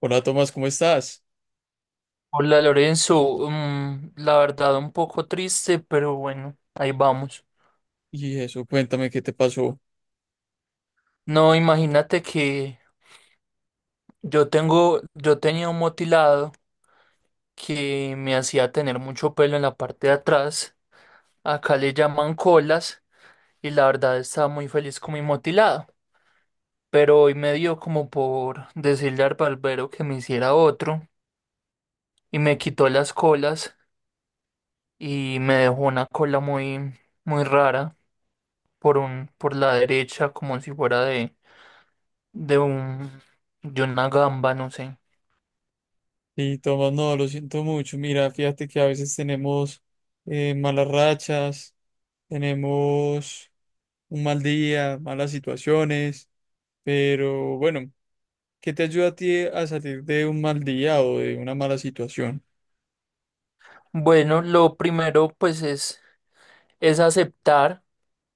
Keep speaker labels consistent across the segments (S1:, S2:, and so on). S1: Hola Tomás, ¿cómo estás?
S2: Hola Lorenzo, la verdad un poco triste, pero bueno, ahí vamos.
S1: Y eso, cuéntame qué te pasó.
S2: No, imagínate que yo tenía un motilado que me hacía tener mucho pelo en la parte de atrás. Acá le llaman colas y la verdad estaba muy feliz con mi motilado. Pero hoy me dio como por decirle al barbero que me hiciera otro y me quitó las colas y me dejó una cola muy rara por la derecha como si fuera de un, de una gamba, no sé.
S1: Y Tomás, no, lo siento mucho. Mira, fíjate que a veces tenemos malas rachas, tenemos un mal día, malas situaciones, pero bueno, ¿qué te ayuda a ti a salir de un mal día o de una mala situación?
S2: Bueno, lo primero pues es aceptar,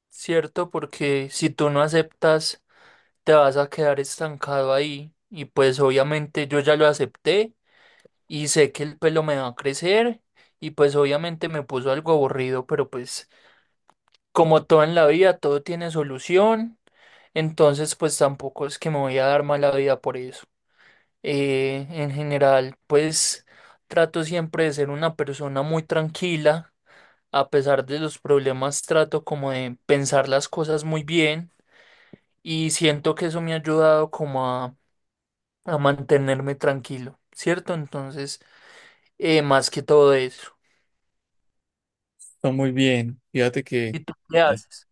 S2: ¿cierto? Porque si tú no aceptas, te vas a quedar estancado ahí. Y pues obviamente yo ya lo acepté y sé que el pelo me va a crecer y pues obviamente me puso algo aburrido, pero pues como todo en la vida, todo tiene solución. Entonces pues tampoco es que me voy a dar mala vida por eso. En general, pues trato siempre de ser una persona muy tranquila, a pesar de los problemas, trato como de pensar las cosas muy bien y siento que eso me ha ayudado a mantenerme tranquilo, ¿cierto? Entonces, más que todo eso.
S1: Está muy bien. Fíjate que
S2: ¿Y tú qué
S1: bueno,
S2: haces?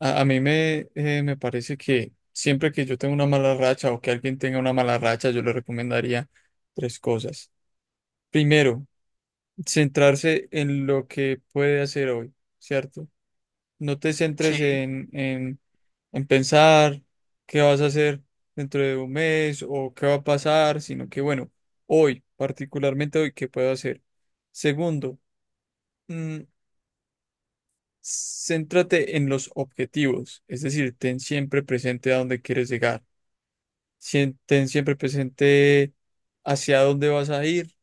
S1: a mí me, me parece que siempre que yo tengo una mala racha o que alguien tenga una mala racha, yo le recomendaría tres cosas. Primero, centrarse en lo que puede hacer hoy, ¿cierto? No te
S2: Sí,
S1: centres en pensar qué vas a hacer dentro de un mes o qué va a pasar, sino que, bueno, hoy, particularmente hoy, ¿qué puedo hacer? Segundo, mm, céntrate en los objetivos, es decir, ten siempre presente a dónde quieres llegar, ten siempre presente hacia dónde vas a ir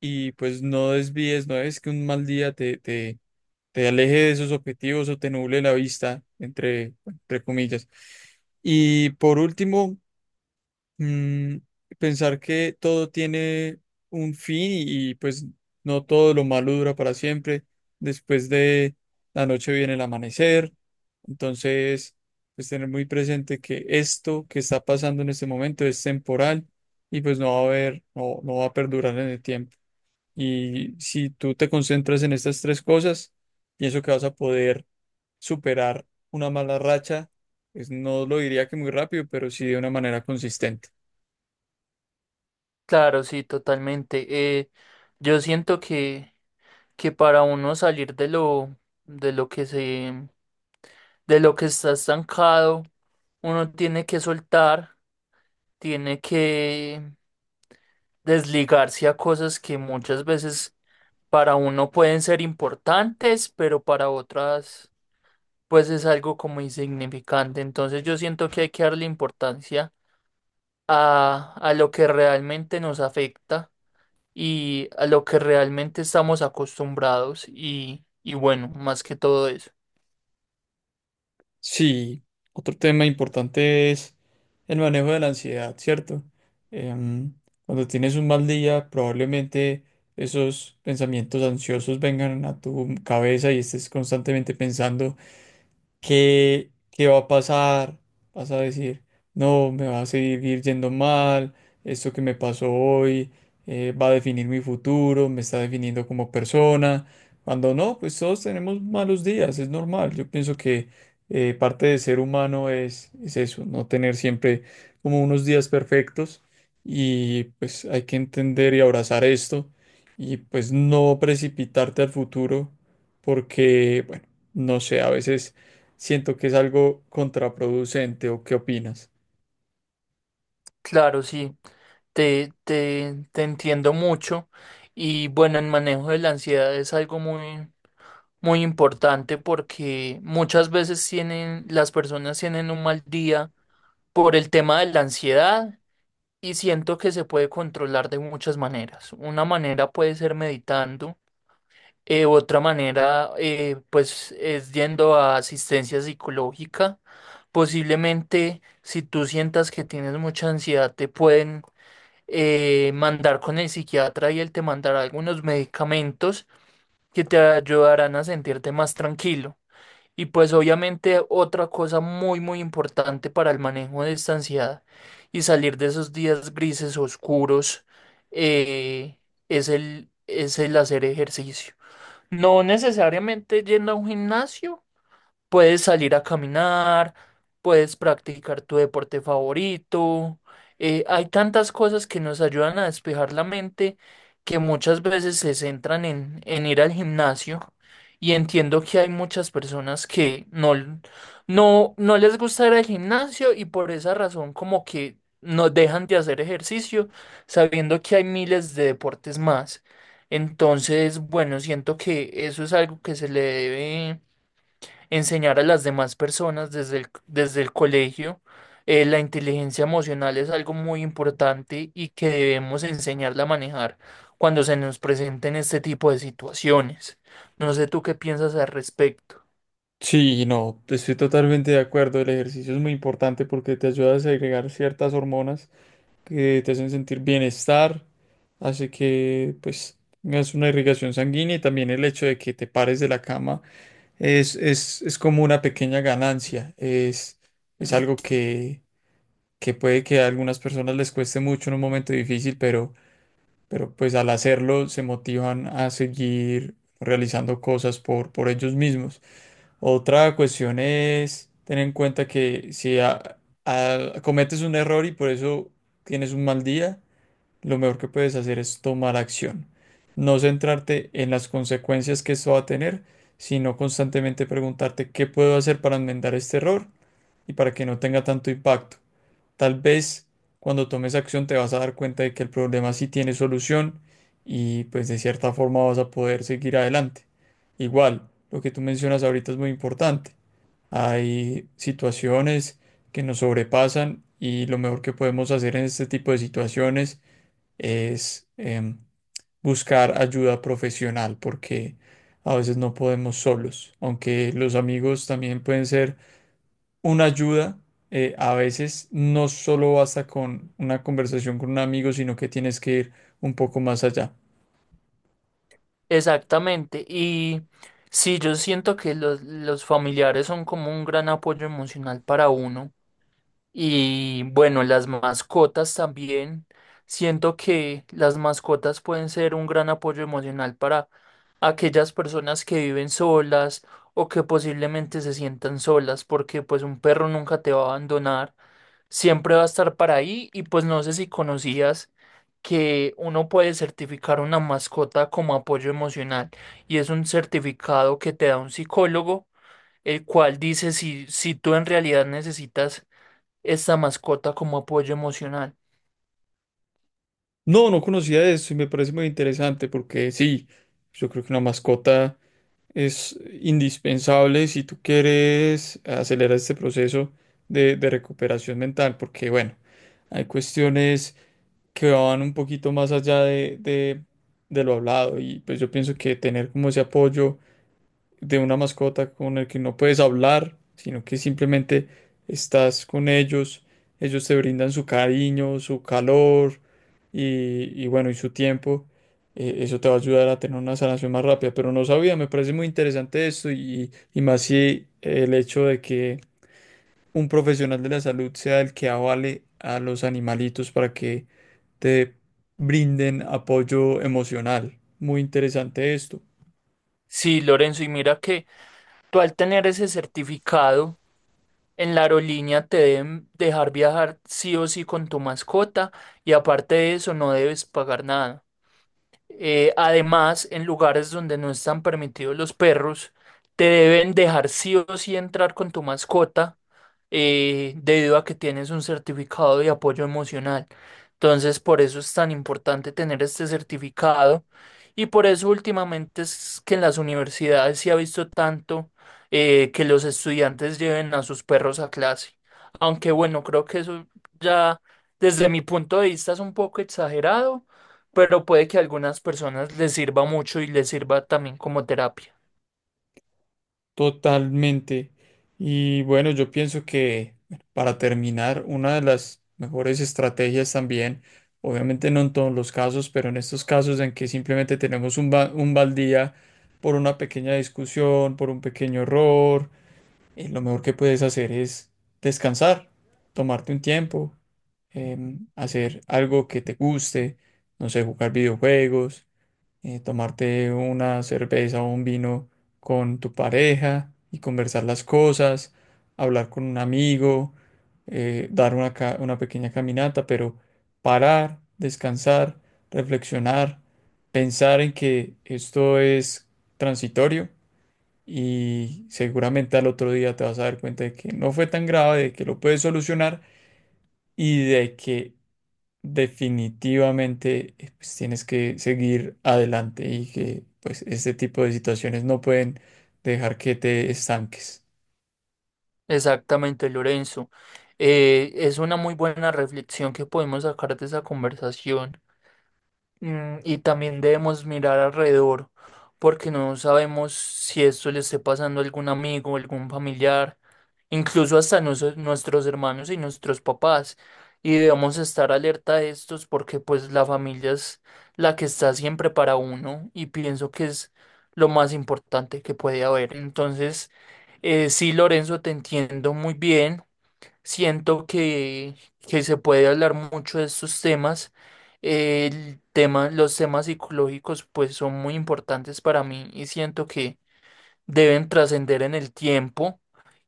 S1: y pues no desvíes, no es que un mal día te aleje de sus objetivos o te nuble la vista, entre comillas. Y por último, mm, pensar que todo tiene un fin y pues no todo lo malo dura para siempre. Después de la noche viene el amanecer. Entonces, pues tener muy presente que esto que está pasando en este momento es temporal y pues no va a perdurar en el tiempo. Y si tú te concentras en estas tres cosas, pienso que vas a poder superar una mala racha. Pues no lo diría que muy rápido, pero sí de una manera consistente.
S2: claro, sí, totalmente. Yo siento que para uno salir de lo que de lo que está estancado, uno tiene que soltar, tiene que desligarse a cosas que muchas veces para uno pueden ser importantes, pero para otras pues es algo como insignificante. Entonces yo siento que hay que darle importancia a lo que realmente nos afecta y a lo que realmente estamos acostumbrados y bueno, más que todo eso.
S1: Sí, otro tema importante es el manejo de la ansiedad, ¿cierto? Em, Cuando tienes un mal día, probablemente esos pensamientos ansiosos vengan a tu cabeza y estés constantemente pensando. ¿ qué va a pasar? Vas a decir, no, me va a seguir yendo mal, esto que me pasó hoy va a definir mi futuro, me está definiendo como persona. Cuando no, pues todos tenemos malos días, es normal. Yo pienso que parte de ser humano es eso, no tener siempre como unos días perfectos y pues hay que entender y abrazar esto y pues no precipitarte al futuro porque, bueno, no sé, a veces... Siento que es algo contraproducente, ¿o qué opinas?
S2: Claro, sí, te entiendo mucho. Y bueno, el manejo de la ansiedad es algo muy importante porque las personas tienen un mal día por el tema de la ansiedad y siento que se puede controlar de muchas maneras. Una manera puede ser meditando, otra manera pues es yendo a asistencia psicológica. Posiblemente si tú sientas que tienes mucha ansiedad te pueden mandar con el psiquiatra y él te mandará algunos medicamentos que te ayudarán a sentirte más tranquilo. Y pues obviamente otra cosa muy muy importante para el manejo de esta ansiedad y salir de esos días grises oscuros eh, es es el hacer ejercicio. No necesariamente yendo a un gimnasio, puedes salir a caminar, puedes practicar tu deporte favorito. Hay tantas cosas que nos ayudan a despejar la mente que muchas veces se centran en ir al gimnasio. Y entiendo que hay muchas personas que no, no, no les gusta ir al gimnasio y por esa razón como que no dejan de hacer ejercicio sabiendo que hay miles de deportes más. Entonces, bueno, siento que eso es algo que se le debe enseñar a las demás personas desde el colegio. La inteligencia emocional es algo muy importante y que debemos enseñarla a manejar cuando se nos presenten este tipo de situaciones. No sé tú qué piensas al respecto.
S1: Sí, no, estoy totalmente de acuerdo. El ejercicio es muy importante porque te ayuda a segregar ciertas hormonas que te hacen sentir bienestar, hace que pues tengas una irrigación sanguínea y también el hecho de que te pares de la cama es como una pequeña ganancia. Es algo que puede que a algunas personas les cueste mucho en un momento difícil, pero pues al hacerlo se motivan a seguir realizando cosas por ellos mismos. Otra cuestión es tener en cuenta que si cometes un error y por eso tienes un mal día, lo mejor que puedes hacer es tomar acción. No centrarte en las consecuencias que esto va a tener, sino constantemente preguntarte qué puedo hacer para enmendar este error y para que no tenga tanto impacto. Tal vez cuando tomes acción te vas a dar cuenta de que el problema sí tiene solución y pues de cierta forma vas a poder seguir adelante. Igual, lo que tú mencionas ahorita es muy importante. Hay situaciones que nos sobrepasan y lo mejor que podemos hacer en este tipo de situaciones es buscar ayuda profesional porque a veces no podemos solos, aunque los amigos también pueden ser una ayuda, a veces no solo basta con una conversación con un amigo, sino que tienes que ir un poco más allá.
S2: Exactamente. Y sí, yo siento que los familiares son como un gran apoyo emocional para uno. Y bueno, las mascotas también. Siento que las mascotas pueden ser un gran apoyo emocional para aquellas personas que viven solas o que posiblemente se sientan solas, porque pues un perro nunca te va a abandonar, siempre va a estar para ahí y pues no sé si conocías que uno puede certificar una mascota como apoyo emocional y es un certificado que te da un psicólogo, el cual dice si tú en realidad necesitas esta mascota como apoyo emocional.
S1: No, no conocía eso y me parece muy interesante porque sí, yo creo que una mascota es indispensable si tú quieres acelerar este proceso de recuperación mental, porque bueno, hay cuestiones que van un poquito más allá de de lo hablado y pues yo pienso que tener como ese apoyo de una mascota con el que no puedes hablar, sino que simplemente estás con ellos, ellos te brindan su cariño, su calor y bueno, y su tiempo. Eso te va a ayudar a tener una sanación más rápida, pero no sabía, me parece muy interesante esto y más si el hecho de que un profesional de la salud sea el que avale a los animalitos para que te brinden apoyo emocional. Muy interesante esto.
S2: Sí, Lorenzo, y mira que tú al tener ese certificado en la aerolínea te deben dejar viajar sí o sí con tu mascota y aparte de eso no debes pagar nada. Además, en lugares donde no están permitidos los perros, te deben dejar sí o sí entrar con tu mascota, debido a que tienes un certificado de apoyo emocional. Entonces, por eso es tan importante tener este certificado y por eso últimamente es que en las universidades se ha visto tanto que los estudiantes lleven a sus perros a clase. Aunque bueno, creo que eso ya desde mi punto de vista es un poco exagerado pero puede que a algunas personas les sirva mucho y les sirva también como terapia.
S1: Totalmente. Y bueno, yo pienso que bueno, para terminar, una de las mejores estrategias también, obviamente no en todos los casos, pero en estos casos en que simplemente tenemos un baldía por una pequeña discusión, por un pequeño error, lo mejor que puedes hacer es descansar, tomarte un tiempo, hacer algo que te guste, no sé, jugar videojuegos tomarte una cerveza o un vino con tu pareja y conversar las cosas, hablar con un amigo, dar una pequeña caminata, pero parar, descansar, reflexionar, pensar en que esto es transitorio y seguramente al otro día te vas a dar cuenta de que no fue tan grave, de que lo puedes solucionar y de que definitivamente pues, tienes que seguir adelante y que pues este tipo de situaciones no pueden dejar que te estanques.
S2: Exactamente, Lorenzo. Es una muy buena reflexión que podemos sacar de esa conversación. Mm, y también debemos mirar alrededor, porque no sabemos si esto le esté pasando a algún amigo, algún familiar, incluso hasta nuestros hermanos y nuestros papás. Y debemos estar alerta de estos porque pues la familia es la que está siempre para uno y pienso que es lo más importante que puede haber. Entonces, sí, Lorenzo, te entiendo muy bien. Siento que se puede hablar mucho de estos temas. Los temas psicológicos pues son muy importantes para mí y siento que deben trascender en el tiempo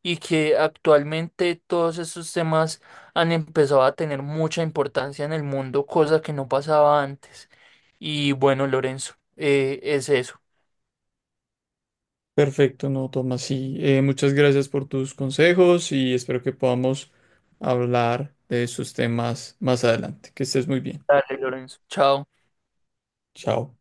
S2: y que actualmente todos estos temas han empezado a tener mucha importancia en el mundo, cosa que no pasaba antes. Y bueno, Lorenzo, es eso.
S1: Perfecto, no, Tomás. Sí, muchas gracias por tus consejos y espero que podamos hablar de esos temas más adelante. Que estés muy bien.
S2: Dale, Lorenzo. Chao.
S1: Chao.